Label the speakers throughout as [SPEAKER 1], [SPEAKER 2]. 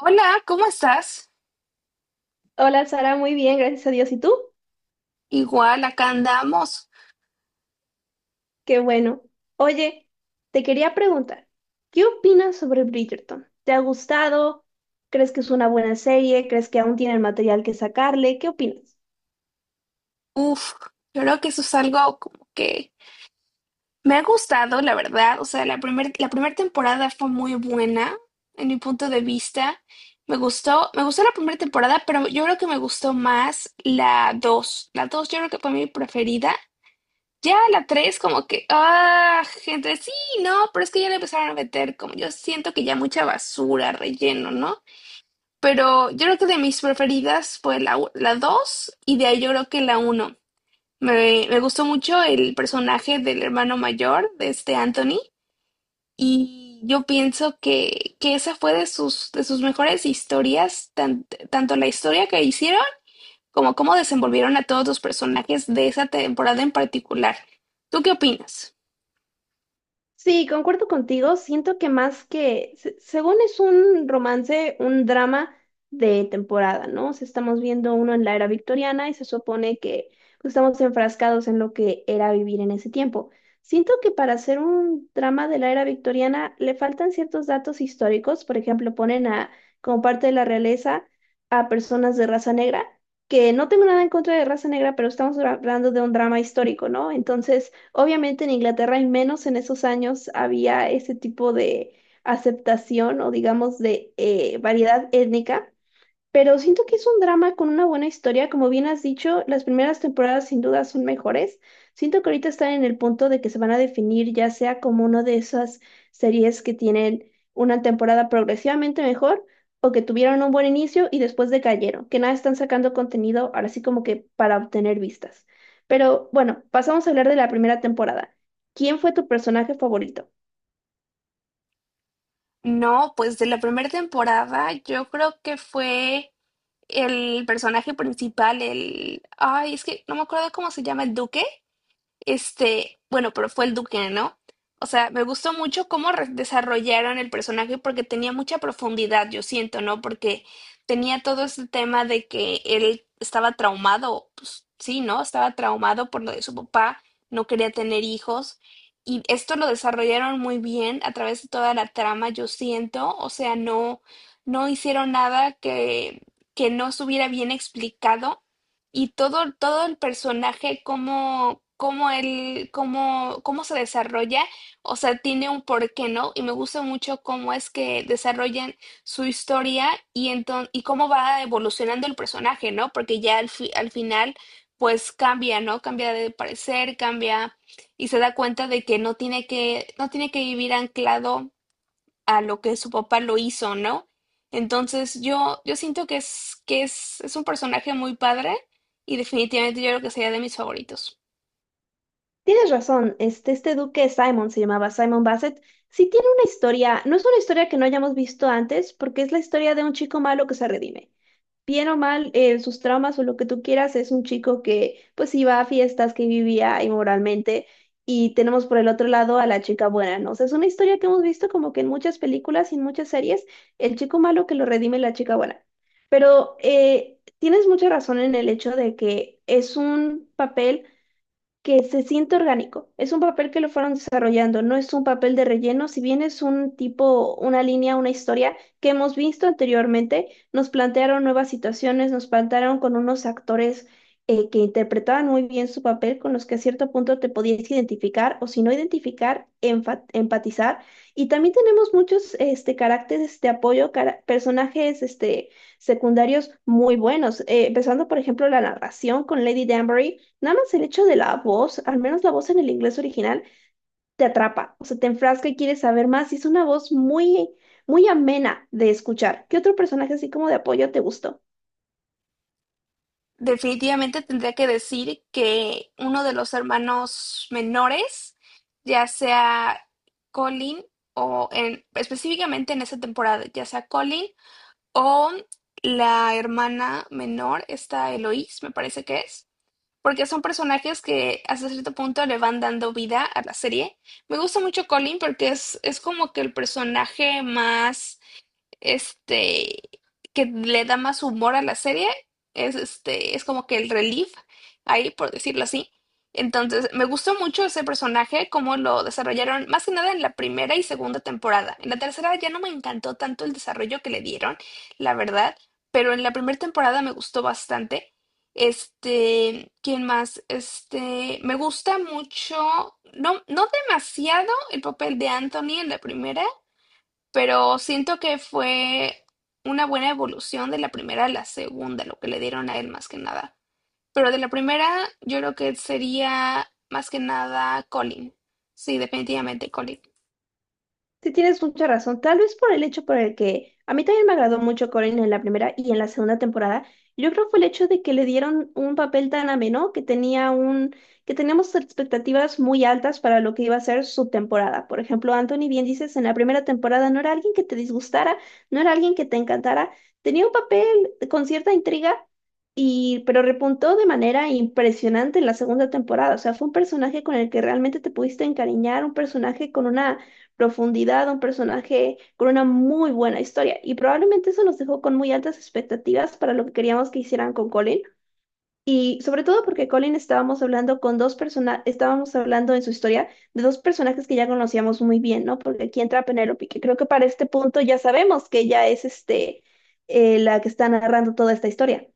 [SPEAKER 1] Hola, ¿cómo estás?
[SPEAKER 2] Hola Sara, muy bien, gracias a Dios. ¿Y tú?
[SPEAKER 1] Igual, acá andamos.
[SPEAKER 2] Qué bueno. Oye, te quería preguntar, ¿qué opinas sobre Bridgerton? ¿Te ha gustado? ¿Crees que es una buena serie? ¿Crees que aún tiene el material que sacarle? ¿Qué opinas?
[SPEAKER 1] Uf, yo creo que eso es algo como que me ha gustado, la verdad. O sea, la primera temporada fue muy buena, en mi punto de vista. Me gustó la primera temporada, pero yo creo que me gustó más la 2. La 2, yo creo que fue mi preferida. Ya la 3, como que, ah, gente, sí, no, pero es que ya le empezaron a meter como yo siento que ya mucha basura, relleno, ¿no? Pero yo creo que de mis preferidas fue la 2 y de ahí yo creo que la uno. Me gustó mucho el personaje del hermano mayor, de este Anthony, y yo pienso que esa fue de sus mejores historias, tanto la historia que hicieron como cómo desenvolvieron a todos los personajes de esa temporada en particular. ¿Tú qué opinas?
[SPEAKER 2] Sí, concuerdo contigo. Siento que más que, según es un romance, un drama de temporada, ¿no? O sea, estamos viendo uno en la era victoriana y se supone que pues, estamos enfrascados en lo que era vivir en ese tiempo. Siento que para hacer un drama de la era victoriana le faltan ciertos datos históricos. Por ejemplo, ponen a, como parte de la realeza a personas de raza negra, que no tengo nada en contra de raza negra, pero estamos hablando de un drama histórico, ¿no? Entonces... Obviamente en Inglaterra, al menos en esos años, había ese tipo de aceptación o digamos de variedad étnica, pero siento que es un drama con una buena historia, como bien has dicho, las primeras temporadas sin duda son mejores. Siento que ahorita están en el punto de que se van a definir ya sea como una de esas series que tienen una temporada progresivamente mejor o que tuvieron un buen inicio y después decayeron, que nada están sacando contenido ahora sí como que para obtener vistas. Pero bueno, pasamos a hablar de la primera temporada. ¿Quién fue tu personaje favorito?
[SPEAKER 1] No, pues de la primera temporada yo creo que fue el personaje principal, el... Ay, es que no me acuerdo cómo se llama, el duque. Este, bueno, pero fue el Duque, ¿no? O sea, me gustó mucho cómo desarrollaron el personaje porque tenía mucha profundidad, yo siento, ¿no? Porque tenía todo este tema de que él estaba traumado, pues sí, ¿no? Estaba traumado por lo de su papá, no quería tener hijos. Y esto lo desarrollaron muy bien a través de toda la trama, yo siento. O sea, no, no hicieron nada que no estuviera bien explicado y todo, todo el personaje, cómo, cómo él, cómo, cómo se desarrolla, o sea, tiene un porqué, ¿no? Y me gusta mucho cómo es que desarrollan su historia y cómo va evolucionando el personaje, ¿no? Porque ya al final, pues cambia, ¿no? Cambia de parecer, cambia y se da cuenta de que no tiene que vivir anclado a lo que su papá lo hizo, ¿no? Entonces yo siento es un personaje muy padre y definitivamente yo creo que sería de mis favoritos.
[SPEAKER 2] Tienes razón, este duque Simon se llamaba Simon Bassett. Sí tiene una historia, no es una historia que no hayamos visto antes, porque es la historia de un chico malo que se redime. Bien o mal, sus traumas o lo que tú quieras, es un chico que pues iba a fiestas, que vivía inmoralmente, y tenemos por el otro lado a la chica buena, ¿no? O sea, es una historia que hemos visto como que en muchas películas y en muchas series, el chico malo que lo redime la chica buena. Pero tienes mucha razón en el hecho de que es un papel que se siente orgánico. Es un papel que lo fueron desarrollando, no es un papel de relleno, si bien es un tipo, una línea, una historia que hemos visto anteriormente, nos plantearon nuevas situaciones, nos plantearon con unos actores que interpretaban muy bien su papel, con los que a cierto punto te podías identificar o si no identificar, empatizar. Y también tenemos muchos caracteres de apoyo, personajes secundarios muy buenos, empezando por ejemplo la narración con Lady Danbury. Nada más el hecho de la voz, al menos la voz en el inglés original, te atrapa, o sea, te enfrasca y quieres saber más. Y es una voz muy, muy amena de escuchar. ¿Qué otro personaje así como de apoyo te gustó?
[SPEAKER 1] Definitivamente tendría que decir que uno de los hermanos menores, ya sea Colin o en, específicamente en esta temporada, ya sea Colin o la hermana menor, esta Eloise, me parece que es, porque son personajes que hasta cierto punto le van dando vida a la serie. Me gusta mucho Colin porque es como que el personaje más este, que le da más humor a la serie, es este, es como que el relief ahí, por decirlo así. Entonces, me gustó mucho ese personaje, cómo lo desarrollaron, más que nada en la primera y segunda temporada. En la tercera ya no me encantó tanto el desarrollo que le dieron, la verdad, pero en la primera temporada me gustó bastante. Este, ¿quién más? Este, me gusta mucho, no, no demasiado el papel de Anthony en la primera, pero siento que fue una buena evolución de la primera a la segunda, lo que le dieron a él más que nada. Pero de la primera, yo creo que sería más que nada Colin. Sí, definitivamente Colin.
[SPEAKER 2] Sí, tienes mucha razón. Tal vez por el hecho por el que a mí también me agradó mucho Corin en la primera y en la segunda temporada. Yo creo que fue el hecho de que le dieron un papel tan ameno que tenía un, que teníamos expectativas muy altas para lo que iba a ser su temporada. Por ejemplo, Anthony, bien dices, en la primera temporada no era alguien que te disgustara, no era alguien que te encantara. Tenía un papel con cierta intriga. Y, pero repuntó de manera impresionante en la segunda temporada. O sea, fue un personaje con el que realmente te pudiste encariñar, un personaje con una profundidad, un personaje con una muy buena historia. Y probablemente eso nos dejó con muy altas expectativas para lo que queríamos que hicieran con Colin. Y sobre todo porque Colin estábamos hablando con dos personas, estábamos hablando en su historia de dos personajes que ya conocíamos muy bien, ¿no? Porque aquí entra Penélope, que creo que para este punto ya sabemos que ella es la que está narrando toda esta historia.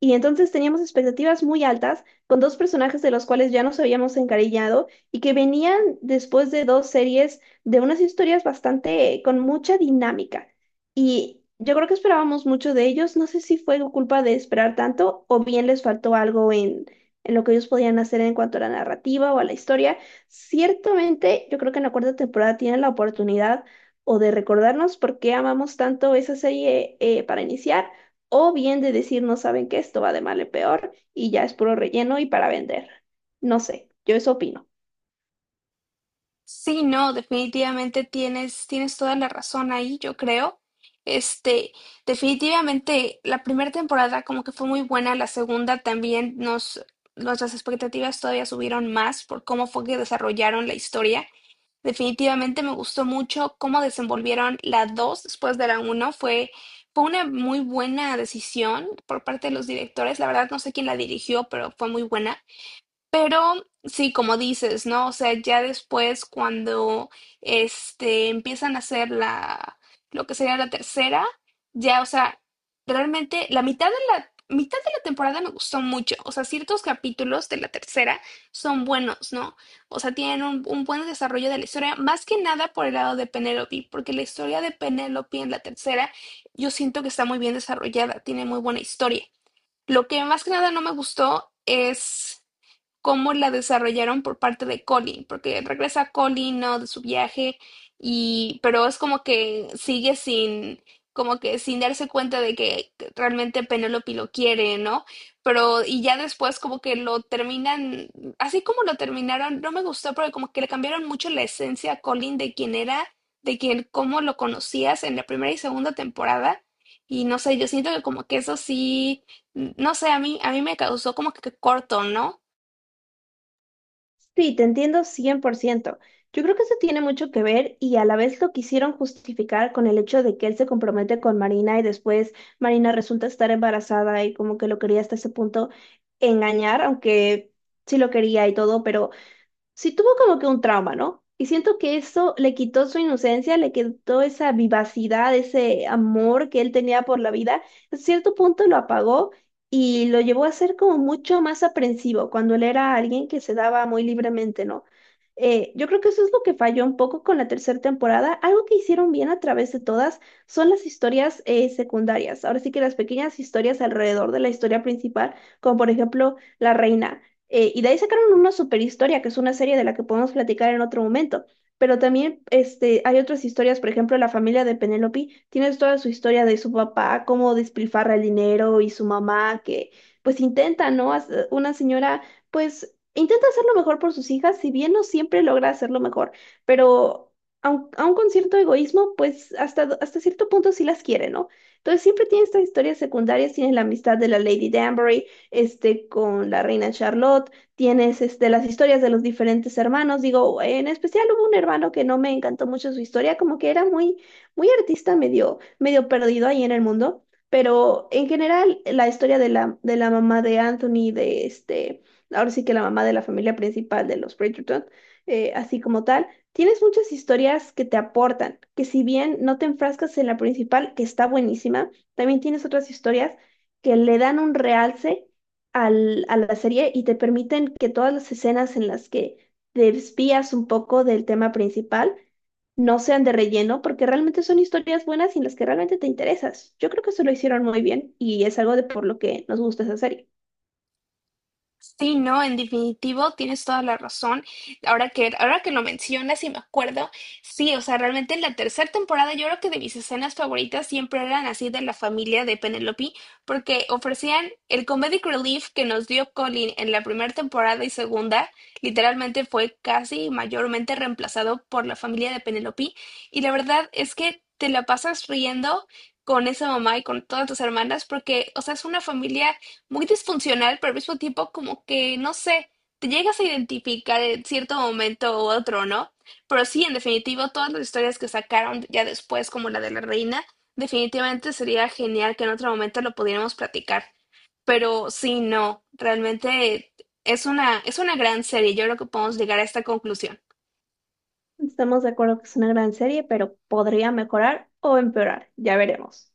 [SPEAKER 2] Y entonces teníamos expectativas muy altas con dos personajes de los cuales ya nos habíamos encariñado y que venían después de dos series de unas historias bastante con mucha dinámica. Y yo creo que esperábamos mucho de ellos. No sé si fue culpa de esperar tanto o bien les faltó algo en, lo que ellos podían hacer en cuanto a la narrativa o a la historia. Ciertamente, yo creo que en la cuarta temporada tienen la oportunidad o de recordarnos por qué amamos tanto esa serie para iniciar o bien de decir, no saben que esto va de mal en peor y ya es puro relleno y para vender. No sé, yo eso opino.
[SPEAKER 1] Sí, no, definitivamente tienes toda la razón ahí, yo creo. Este, definitivamente la primera temporada como que fue muy buena, la segunda también nuestras expectativas todavía subieron más por cómo fue que desarrollaron la historia. Definitivamente me gustó mucho cómo desenvolvieron la 2 después de la uno. Fue una muy buena decisión por parte de los directores. La verdad no sé quién la dirigió, pero fue muy buena. Pero sí, como dices, ¿no? O sea, ya después cuando este empiezan a hacer la lo que sería la tercera, ya, o sea, realmente la mitad de la temporada me gustó mucho. O sea, ciertos capítulos de la tercera son buenos, ¿no? O sea, tienen un buen desarrollo de la historia, más que nada por el lado de Penélope, porque la historia de Penélope en la tercera, yo siento que está muy bien desarrollada, tiene muy buena historia. Lo que más que nada no me gustó es cómo la desarrollaron por parte de Colin, porque regresa Colin, ¿no? De su viaje, y, pero es como que sigue sin, como que sin darse cuenta de que realmente Penélope lo quiere, ¿no? Pero, y ya después como que lo terminan, así como lo terminaron, no me gustó porque como que le cambiaron mucho la esencia a Colin de quién era, de quién, cómo lo conocías en la primera y segunda temporada. Y no sé, yo siento que como que eso sí, no sé, a mí me causó como que corto, ¿no?
[SPEAKER 2] Sí, te entiendo 100%. Yo creo que eso tiene mucho que ver y a la vez lo quisieron justificar con el hecho de que él se compromete con Marina y después Marina resulta estar embarazada y como que lo quería hasta ese punto engañar, aunque sí lo quería y todo, pero sí tuvo como que un trauma, ¿no? Y siento que eso le quitó su inocencia, le quitó esa vivacidad, ese amor que él tenía por la vida. A cierto punto lo apagó y lo llevó a ser como mucho más aprensivo cuando él era alguien que se daba muy libremente, ¿no? Yo creo que eso es lo que falló un poco con la tercera temporada. Algo que hicieron bien a través de todas son las historias secundarias. Ahora sí que las pequeñas historias alrededor de la historia principal, como por ejemplo La Reina. Y de ahí sacaron una super historia, que es una serie de la que podemos platicar en otro momento. Pero también hay otras historias, por ejemplo, la familia de Penélope tiene toda su historia de su papá, cómo despilfarra el dinero y su mamá, que pues intenta, ¿no? Una señora, pues intenta hacer lo mejor por sus hijas, si bien no siempre logra hacerlo mejor, pero aun con cierto egoísmo, pues hasta, hasta cierto punto sí las quiere, ¿no? Entonces siempre tiene estas historias secundarias, tiene la amistad de la Lady Danbury con la reina Charlotte, tienes las historias de los diferentes hermanos, digo, en especial hubo un hermano que no me encantó mucho su historia, como que era muy, muy artista, medio, medio perdido ahí en el mundo, pero en general la historia de de la mamá de Anthony, de ahora sí que la mamá de la familia principal de los Bridgerton, así como tal, tienes muchas historias que te aportan, que si bien no te enfrascas en la principal, que está buenísima, también tienes otras historias que le dan un realce a la serie y te permiten que todas las escenas en las que te desvías un poco del tema principal no sean de relleno, porque realmente son historias buenas y en las que realmente te interesas. Yo creo que eso lo hicieron muy bien y es algo de por lo que nos gusta esa serie.
[SPEAKER 1] Sí, no, en definitivo tienes toda la razón. Ahora ahora que lo mencionas y me acuerdo, sí, o sea, realmente en la tercera temporada yo creo que de mis escenas favoritas siempre eran así de la familia de Penelope, porque ofrecían el comedic relief que nos dio Colin en la primera temporada y segunda, literalmente fue casi mayormente reemplazado por la familia de Penelope, y la verdad es que te la pasas riendo con esa mamá y con todas tus hermanas, porque, o sea, es una familia muy disfuncional, pero al mismo tiempo como que, no sé, te llegas a identificar en cierto momento u otro, ¿no? Pero sí, en definitivo todas las historias que sacaron ya después, como la de la reina, definitivamente sería genial que en otro momento lo pudiéramos platicar. Pero sí, no, realmente es una gran serie. Yo creo que podemos llegar a esta conclusión.
[SPEAKER 2] Estamos de acuerdo que es una gran serie, pero podría mejorar o empeorar, ya veremos.